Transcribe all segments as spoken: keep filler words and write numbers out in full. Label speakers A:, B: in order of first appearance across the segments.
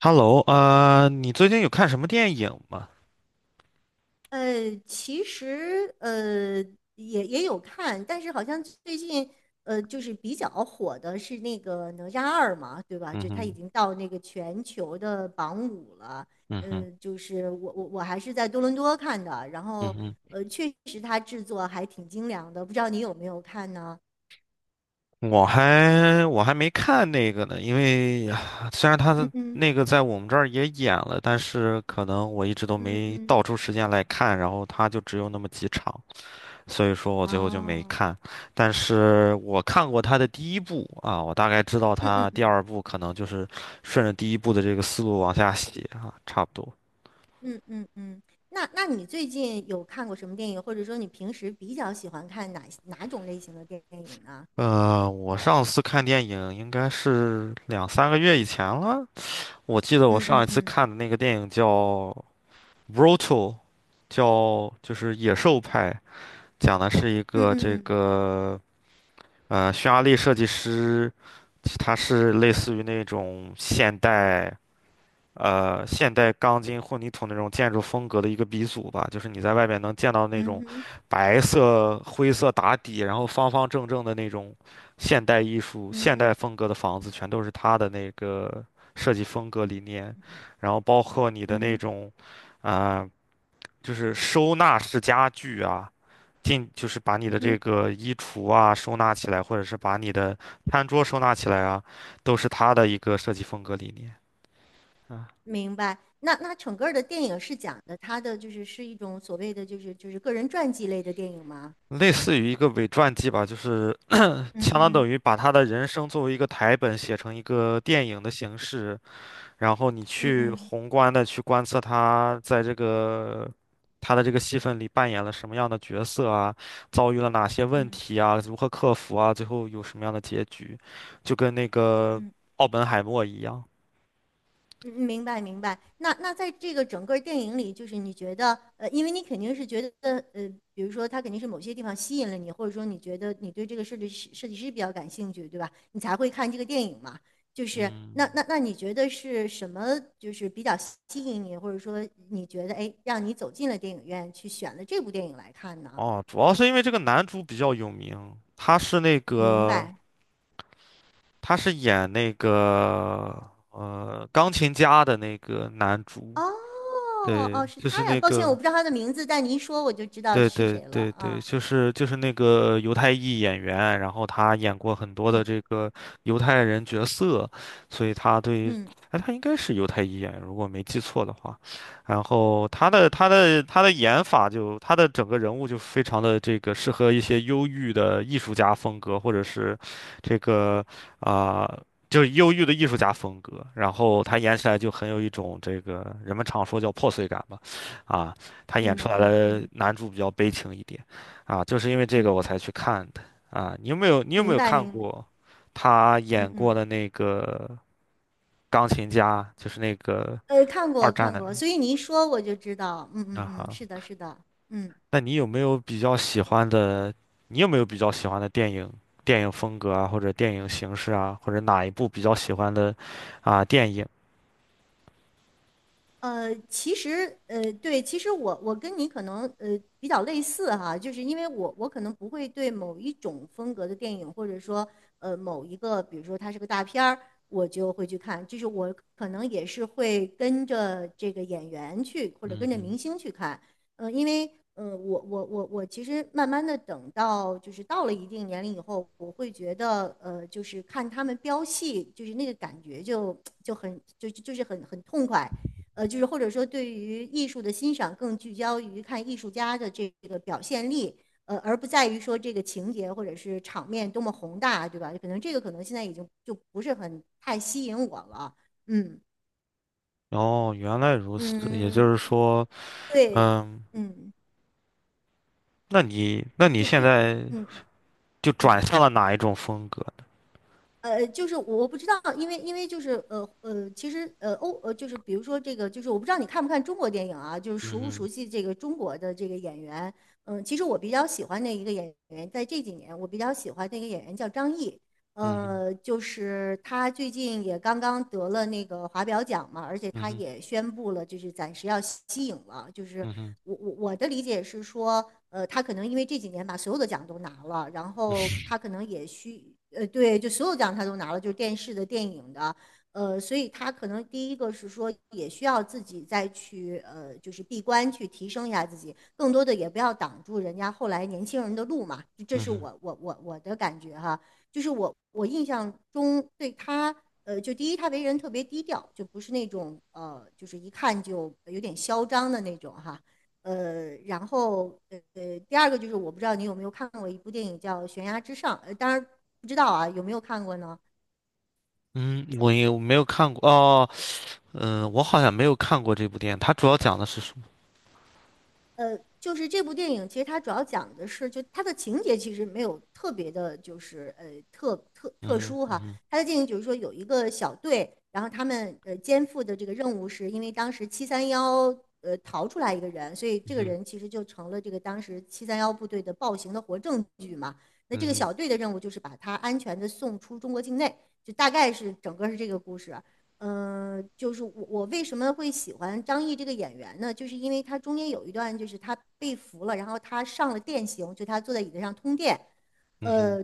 A: Hello，呃，你最近有看什么电影吗？
B: 呃，其实呃也也有看，但是好像最近呃就是比较火的是那个哪吒二嘛，对吧？
A: 嗯
B: 就他已
A: 哼。
B: 经到那个全球的榜五了。
A: 嗯哼。
B: 嗯、就是我我我还是在多伦多看的，然后
A: 嗯
B: 呃确实它制作还挺精良的，不知道你有没有看呢？
A: 哼。我还我还没看那个呢，因为啊虽然他
B: 嗯
A: 的
B: 嗯
A: 那个在我们这儿也演了，但是可能我一直都
B: 嗯
A: 没
B: 嗯，
A: 倒出时间来看，然后他就只有那么几场，所以说我最后就没
B: 哦，
A: 看。但是我看过他的第一部啊，我大概知道
B: 嗯嗯
A: 他第
B: 嗯。
A: 二部可能就是顺着第一部的这个思路往下写啊，差不多。
B: 嗯嗯嗯，那那你最近有看过什么电影，或者说你平时比较喜欢看哪哪种类型的电影呢？
A: 呃，我上次看电影应该是两三个月以前了。我记得我
B: 嗯
A: 上
B: 嗯
A: 一次
B: 嗯
A: 看的那个电影叫《Brutal》，叫就是《野兽派》，讲的是一
B: 嗯
A: 个
B: 嗯
A: 这
B: 嗯
A: 个呃匈牙利设计师，他是类似于那种现代。呃现代钢筋混凝土那种建筑风格的一个鼻祖吧，就是你在外面能见到那
B: 嗯
A: 种
B: 哼，
A: 白色灰色打底，然后方方正正的那种现代艺术、
B: 嗯
A: 现
B: 哼，
A: 代风格的房子，全都是它的那个设计风格理念，然后包括你的
B: 嗯
A: 那
B: 哼，
A: 种，啊、就是收纳式家具啊。进就是把你
B: 嗯
A: 的这
B: 哼，
A: 个衣橱啊收纳起来，或者是把你的餐桌收纳起来啊，都是它的一个设计风格理念。嗯。
B: 明白。那那整个儿的电影是讲的他的就是是一种所谓的就是就是个人传记类的电影吗？
A: 类似于一个伪传记吧，就是
B: 嗯
A: 相当等
B: 嗯
A: 于把他的人生作为一个台本写成一个电影的形式，然后你
B: 嗯
A: 去
B: 嗯
A: 宏观的去观测他在这个他的这个戏份里扮演了什么样的角色啊，遭遇了哪些问
B: 嗯
A: 题啊，如何克服啊，最后有什么样的结局，就跟那个
B: 嗯。
A: 奥本海默一样。
B: 嗯，明白明白。那那在这个整个电影里，就是你觉得，呃，因为你肯定是觉得，呃，比如说他肯定是某些地方吸引了你，或者说你觉得你对这个设计师设计师比较感兴趣，对吧？你才会看这个电影嘛。就是
A: 嗯。
B: 那那那你觉得是什么，就是比较吸引你，或者说你觉得，哎，让你走进了电影院去选了这部电影来看呢？
A: 哦，主要是因为这个男主比较有名，他是那
B: 明
A: 个。
B: 白。
A: 他是演那个呃钢琴家的那个男主，
B: 哦
A: 对，
B: 哦，是
A: 就是
B: 他呀。
A: 那
B: 抱歉，我
A: 个，
B: 不知道他的名字，但你一说我就知道
A: 对
B: 是
A: 对
B: 谁了
A: 对对，
B: 啊。
A: 就是就是那个犹太裔演员，然后他演过很多的
B: 嗯
A: 这个犹太人角色，所以他对，
B: 嗯
A: 哎，他应该是犹太裔演员，如果没记错的话。然后他的他的他的演法，就他的整个人物就非常的这个适合一些忧郁的艺术家风格，或者是这个啊。就是忧郁的艺术家风格，然后他演起来就很有一种这个人们常说叫破碎感吧，啊。他演
B: 嗯
A: 出来
B: 嗯
A: 的
B: 嗯。
A: 男主比较悲情一点，啊，就是因为这
B: 嗯
A: 个我
B: 嗯，
A: 才去看的啊。你有没有你有没
B: 明
A: 有
B: 白
A: 看
B: 明白，
A: 过他
B: 嗯
A: 演过
B: 嗯，
A: 的那个钢琴家，就是那个
B: 呃，看
A: 二
B: 过
A: 战
B: 看
A: 的那
B: 过，所以你一说我就知道，嗯
A: 个
B: 嗯
A: 啊
B: 嗯，
A: 哈？
B: 是的，是的，嗯。
A: 那你有没有比较喜欢的？你有没有比较喜欢的电影、电影风格啊，或者电影形式啊，或者哪一部比较喜欢的啊电影？
B: 呃，其实，呃，对，其实我我跟你可能呃比较类似哈，就是因为我我可能不会对某一种风格的电影，或者说呃某一个，比如说它是个大片儿，我就会去看，就是我可能也是会跟着这个演员去，或者
A: 嗯
B: 跟着
A: 哼。
B: 明星去看，呃，因为呃我我我我其实慢慢的等到就是到了一定年龄以后，我会觉得呃就是看他们飙戏，就是那个感觉就 就很就就就是很很痛快。呃，就是或者说对于艺术的欣赏更聚焦于看艺术家的这个表现力，呃，而不在于说这个情节或者是场面多么宏大，对吧？可能这个可能现在已经就不是很太吸引我了。嗯
A: 哦，原来如此，也
B: 嗯，
A: 就是说，
B: 对，
A: 嗯，
B: 嗯，
A: 那你那你
B: 就
A: 现
B: 就
A: 在
B: 嗯
A: 就转
B: 嗯。
A: 向了哪一种风格？
B: 呃，就是我不知道，因为因为就是呃呃，其实呃欧呃就是比如说这个，就是我不知道你看不看中国电影啊，就是
A: 嗯
B: 熟不熟
A: 哼。
B: 悉这个中国的这个演员。嗯，其实我比较喜欢的一个演员，在这几年我比较喜欢的一个演员叫张译，
A: 嗯哼。
B: 呃，就是他最近也刚刚得了那个华表奖嘛，而且
A: 嗯
B: 他
A: 哼。
B: 也宣布了，就是暂时要息影了。就是
A: 嗯哼。
B: 我我我的理解是说，呃，他可能因为这几年把所有的奖都拿了，然后他可能也需，呃，对，就所有奖他都拿了，就是电视的、电影的，呃，所以他可能第一个是说，也需要自己再去，呃，就是闭关去提升一下自己，更多的也不要挡住人家后来年轻人的路嘛，这
A: 嗯
B: 是
A: 哼。
B: 我我我我的感觉哈。就是我我印象中对他，呃，就第一他为人特别低调，就不是那种呃，就是一看就有点嚣张的那种哈。呃，然后呃呃，第二个就是我不知道你有没有看过一部电影叫《悬崖之上》，呃，当然不知道啊，有没有看过呢？
A: 嗯，我也没有看过哦。嗯、我好像没有看过这部电影，它主要讲的是什么？
B: 呃，就是这部电影，其实它主要讲的是，就它的情节其实没有特别的，就是呃特特特
A: 嗯
B: 殊哈。
A: 哼。
B: 它的电影就是说有一个小队，然后他们呃肩负的这个任务是，因为当时七三幺呃逃出来一个人，所以
A: 嗯
B: 这个
A: 哼。
B: 人其实就成了这个当时七三幺部队的暴行的活证据嘛。那
A: 嗯
B: 这个
A: 哼。
B: 小队的任务就是把他安全的送出中国境内，就大概是整个是这个故事。嗯、呃就是我我为什么会喜欢张译这个演员呢？就是因为他中间有一段，就是他被俘了，然后他上了电刑，就他坐在椅子上通电，
A: 嗯哼。
B: 呃，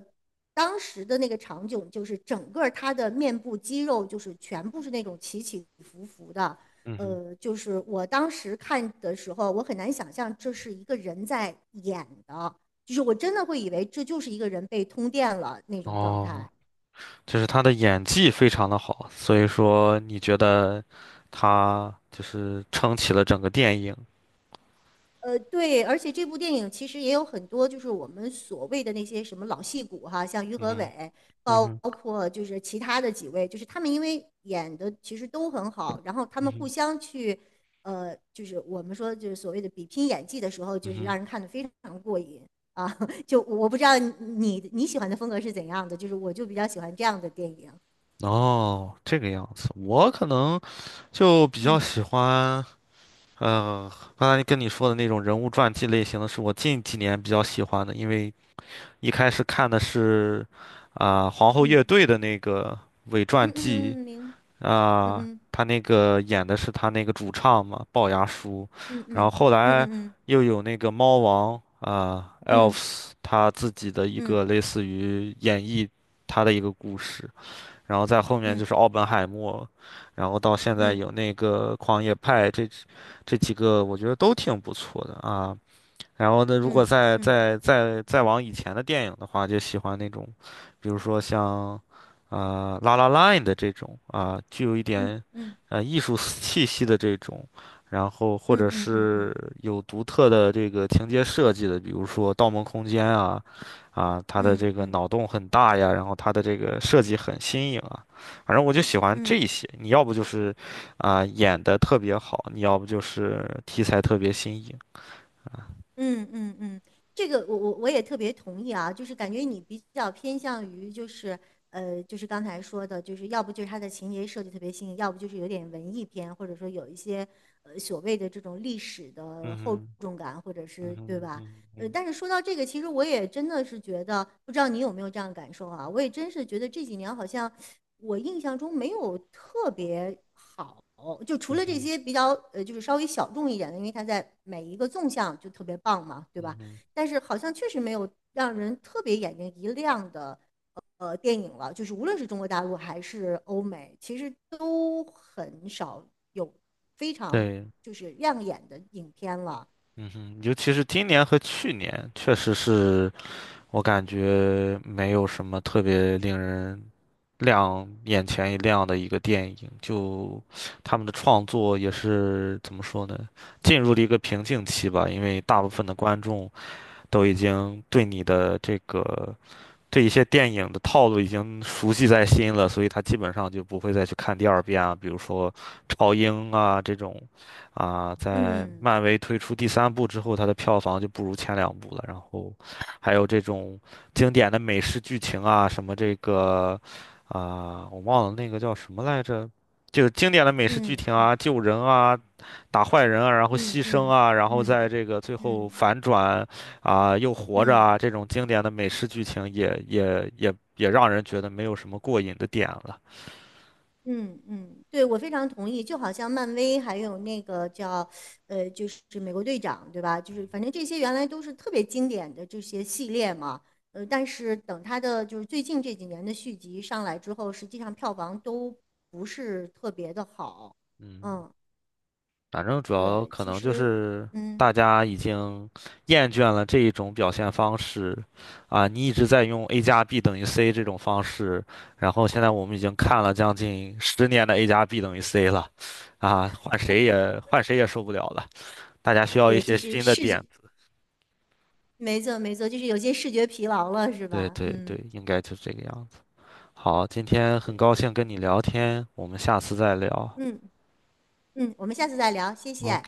B: 当时的那个场景就是整个他的面部肌肉就是全部是那种起起伏伏的，
A: 嗯哼。
B: 呃，就是我当时看的时候，我很难想象这是一个人在演的，就是我真的会以为这就是一个人被通电了那
A: 嗯哼。
B: 种状
A: 哦，
B: 态。
A: 就是他的演技非常的好，所以说你觉得他就是撑起了整个电影？
B: 呃，对，而且这部电影其实也有很多，就是我们所谓的那些什么老戏骨哈，像于
A: 嗯
B: 和
A: 哼。
B: 伟，
A: 嗯
B: 包
A: 哼。
B: 括就是其他的几位，就是他们因为演的其实都很好，然后他
A: 嗯
B: 们互
A: 哼。
B: 相去，呃，就是我们说就是所谓的比拼演技的时候，就
A: 嗯
B: 是
A: 哼。
B: 让人看的非常过瘾啊。就我不知道你你喜欢的风格是怎样的，就是我就比较喜欢这样的电影。
A: 哦，这个样子，我可能就比较
B: 嗯
A: 喜欢。嗯，刚才跟你说的那种人物传记类型的是我近几年比较喜欢的，因为一开始看的是啊、皇后乐
B: 嗯
A: 队的那个伪
B: 嗯
A: 传记，
B: 嗯嗯，明嗯
A: 啊、
B: 嗯
A: 他那个演的是他那个主唱嘛，龅牙叔，
B: 嗯
A: 然后后
B: 嗯
A: 来
B: 嗯
A: 又有那个猫王啊、
B: 嗯
A: Elves 他自己的一
B: 嗯嗯
A: 个
B: 嗯
A: 类似于演绎他的一个故事，然后在后面就
B: 嗯
A: 是奥本海默，然后到现在
B: 嗯。
A: 有那个狂野派这。这几个我觉得都挺不错的啊。然后呢，如果
B: 嗯
A: 再
B: 嗯
A: 再再再往以前的电影的话，就喜欢那种，比如说像，啊、拉拉 La n d 的这种啊、具有一
B: 嗯
A: 点，
B: 嗯
A: 呃，艺术气息的这种，然后或
B: 嗯
A: 者
B: 嗯嗯
A: 是
B: 嗯
A: 有独特的这个情节设计的，比如说《盗梦空间》啊，啊，它的
B: 嗯
A: 这个
B: 嗯
A: 脑洞很大呀，然后它的这个设计很新颖啊，反正我就喜欢这
B: 嗯
A: 些。你要不就是，啊、演的特别好，你要不就是题材特别新颖。
B: 嗯嗯嗯。这个我我我也特别同意啊，就是感觉你比较偏向于就是呃，就是刚才说的，就是要不就是它的情节设计特别新颖，要不就是有点文艺片，或者说有一些呃所谓的这种历史的厚
A: 嗯哼。
B: 重感，或者
A: 嗯
B: 是对
A: 哼。
B: 吧？
A: 嗯
B: 呃，
A: 哼。
B: 但是说到这个，其实我也真的是觉得，不知道你有没有这样的感受啊？我也真是觉得这几年好像我印象中没有特别。好。哦，就除
A: 嗯
B: 了这
A: 哼。
B: 些比较呃，就是稍微小众一点的，因为它在每一个纵向就特别棒嘛，对
A: 嗯
B: 吧？
A: 哼。
B: 但是好像确实没有让人特别眼睛一亮的呃电影了，就是无论是中国大陆还是欧美，其实都很少有非常
A: 对。
B: 就是亮眼的影片了。
A: 嗯哼，尤其是今年和去年，确实是我感觉没有什么特别令人亮眼前一亮的一个电影，就他们的创作也是怎么说呢，进入了一个瓶颈期吧，因为大部分的观众都已经对你的这个。这一些电影的套路已经熟悉在心了，所以他基本上就不会再去看第二遍啊。比如说超英啊这种，啊，在
B: 嗯
A: 漫威推出第三部之后，它的票房就不如前两部了。然后还有这种经典的美式剧情啊，什么这个啊，我忘了那个叫什么来着，就是经典的美式剧
B: 嗯
A: 情
B: 嗯
A: 啊，救人啊，打坏人啊，然后
B: 嗯
A: 牺牲
B: 嗯
A: 啊，然后在
B: 嗯
A: 这个最
B: 嗯
A: 后
B: 嗯。
A: 反转啊，又
B: 嗯
A: 活着
B: 嗯
A: 啊，
B: 嗯
A: 这种经典的美式剧情也也也也让人觉得没有什么过瘾的点了。
B: 嗯嗯，对，我非常同意。就好像漫威还有那个叫，呃，就是美国队长，对吧？就是反正这些原来都是特别经典的这些系列嘛。呃，但是等他的就是最近这几年的续集上来之后，实际上票房都不是特别的好。
A: 嗯，
B: 嗯，
A: 反正主要
B: 对，
A: 可
B: 其
A: 能就
B: 实，
A: 是
B: 嗯，
A: 大家已经厌倦了这一种表现方式啊，你一直在用 a 加 b 等于 c 这种方式，然后现在我们已经看了将近十年的 a 加 b 等于 c 了，啊，换谁也换谁也受不了了，大家需要一
B: 对，就
A: 些
B: 是
A: 新的
B: 视觉，
A: 点，
B: 没错没错，就是有些视觉疲劳了，是
A: 对
B: 吧？
A: 对对，
B: 嗯，
A: 应该就是这个样子。好，今天很
B: 对，
A: 高兴跟你聊天，我们下次再聊。
B: 嗯嗯，我们下次再聊，谢谢。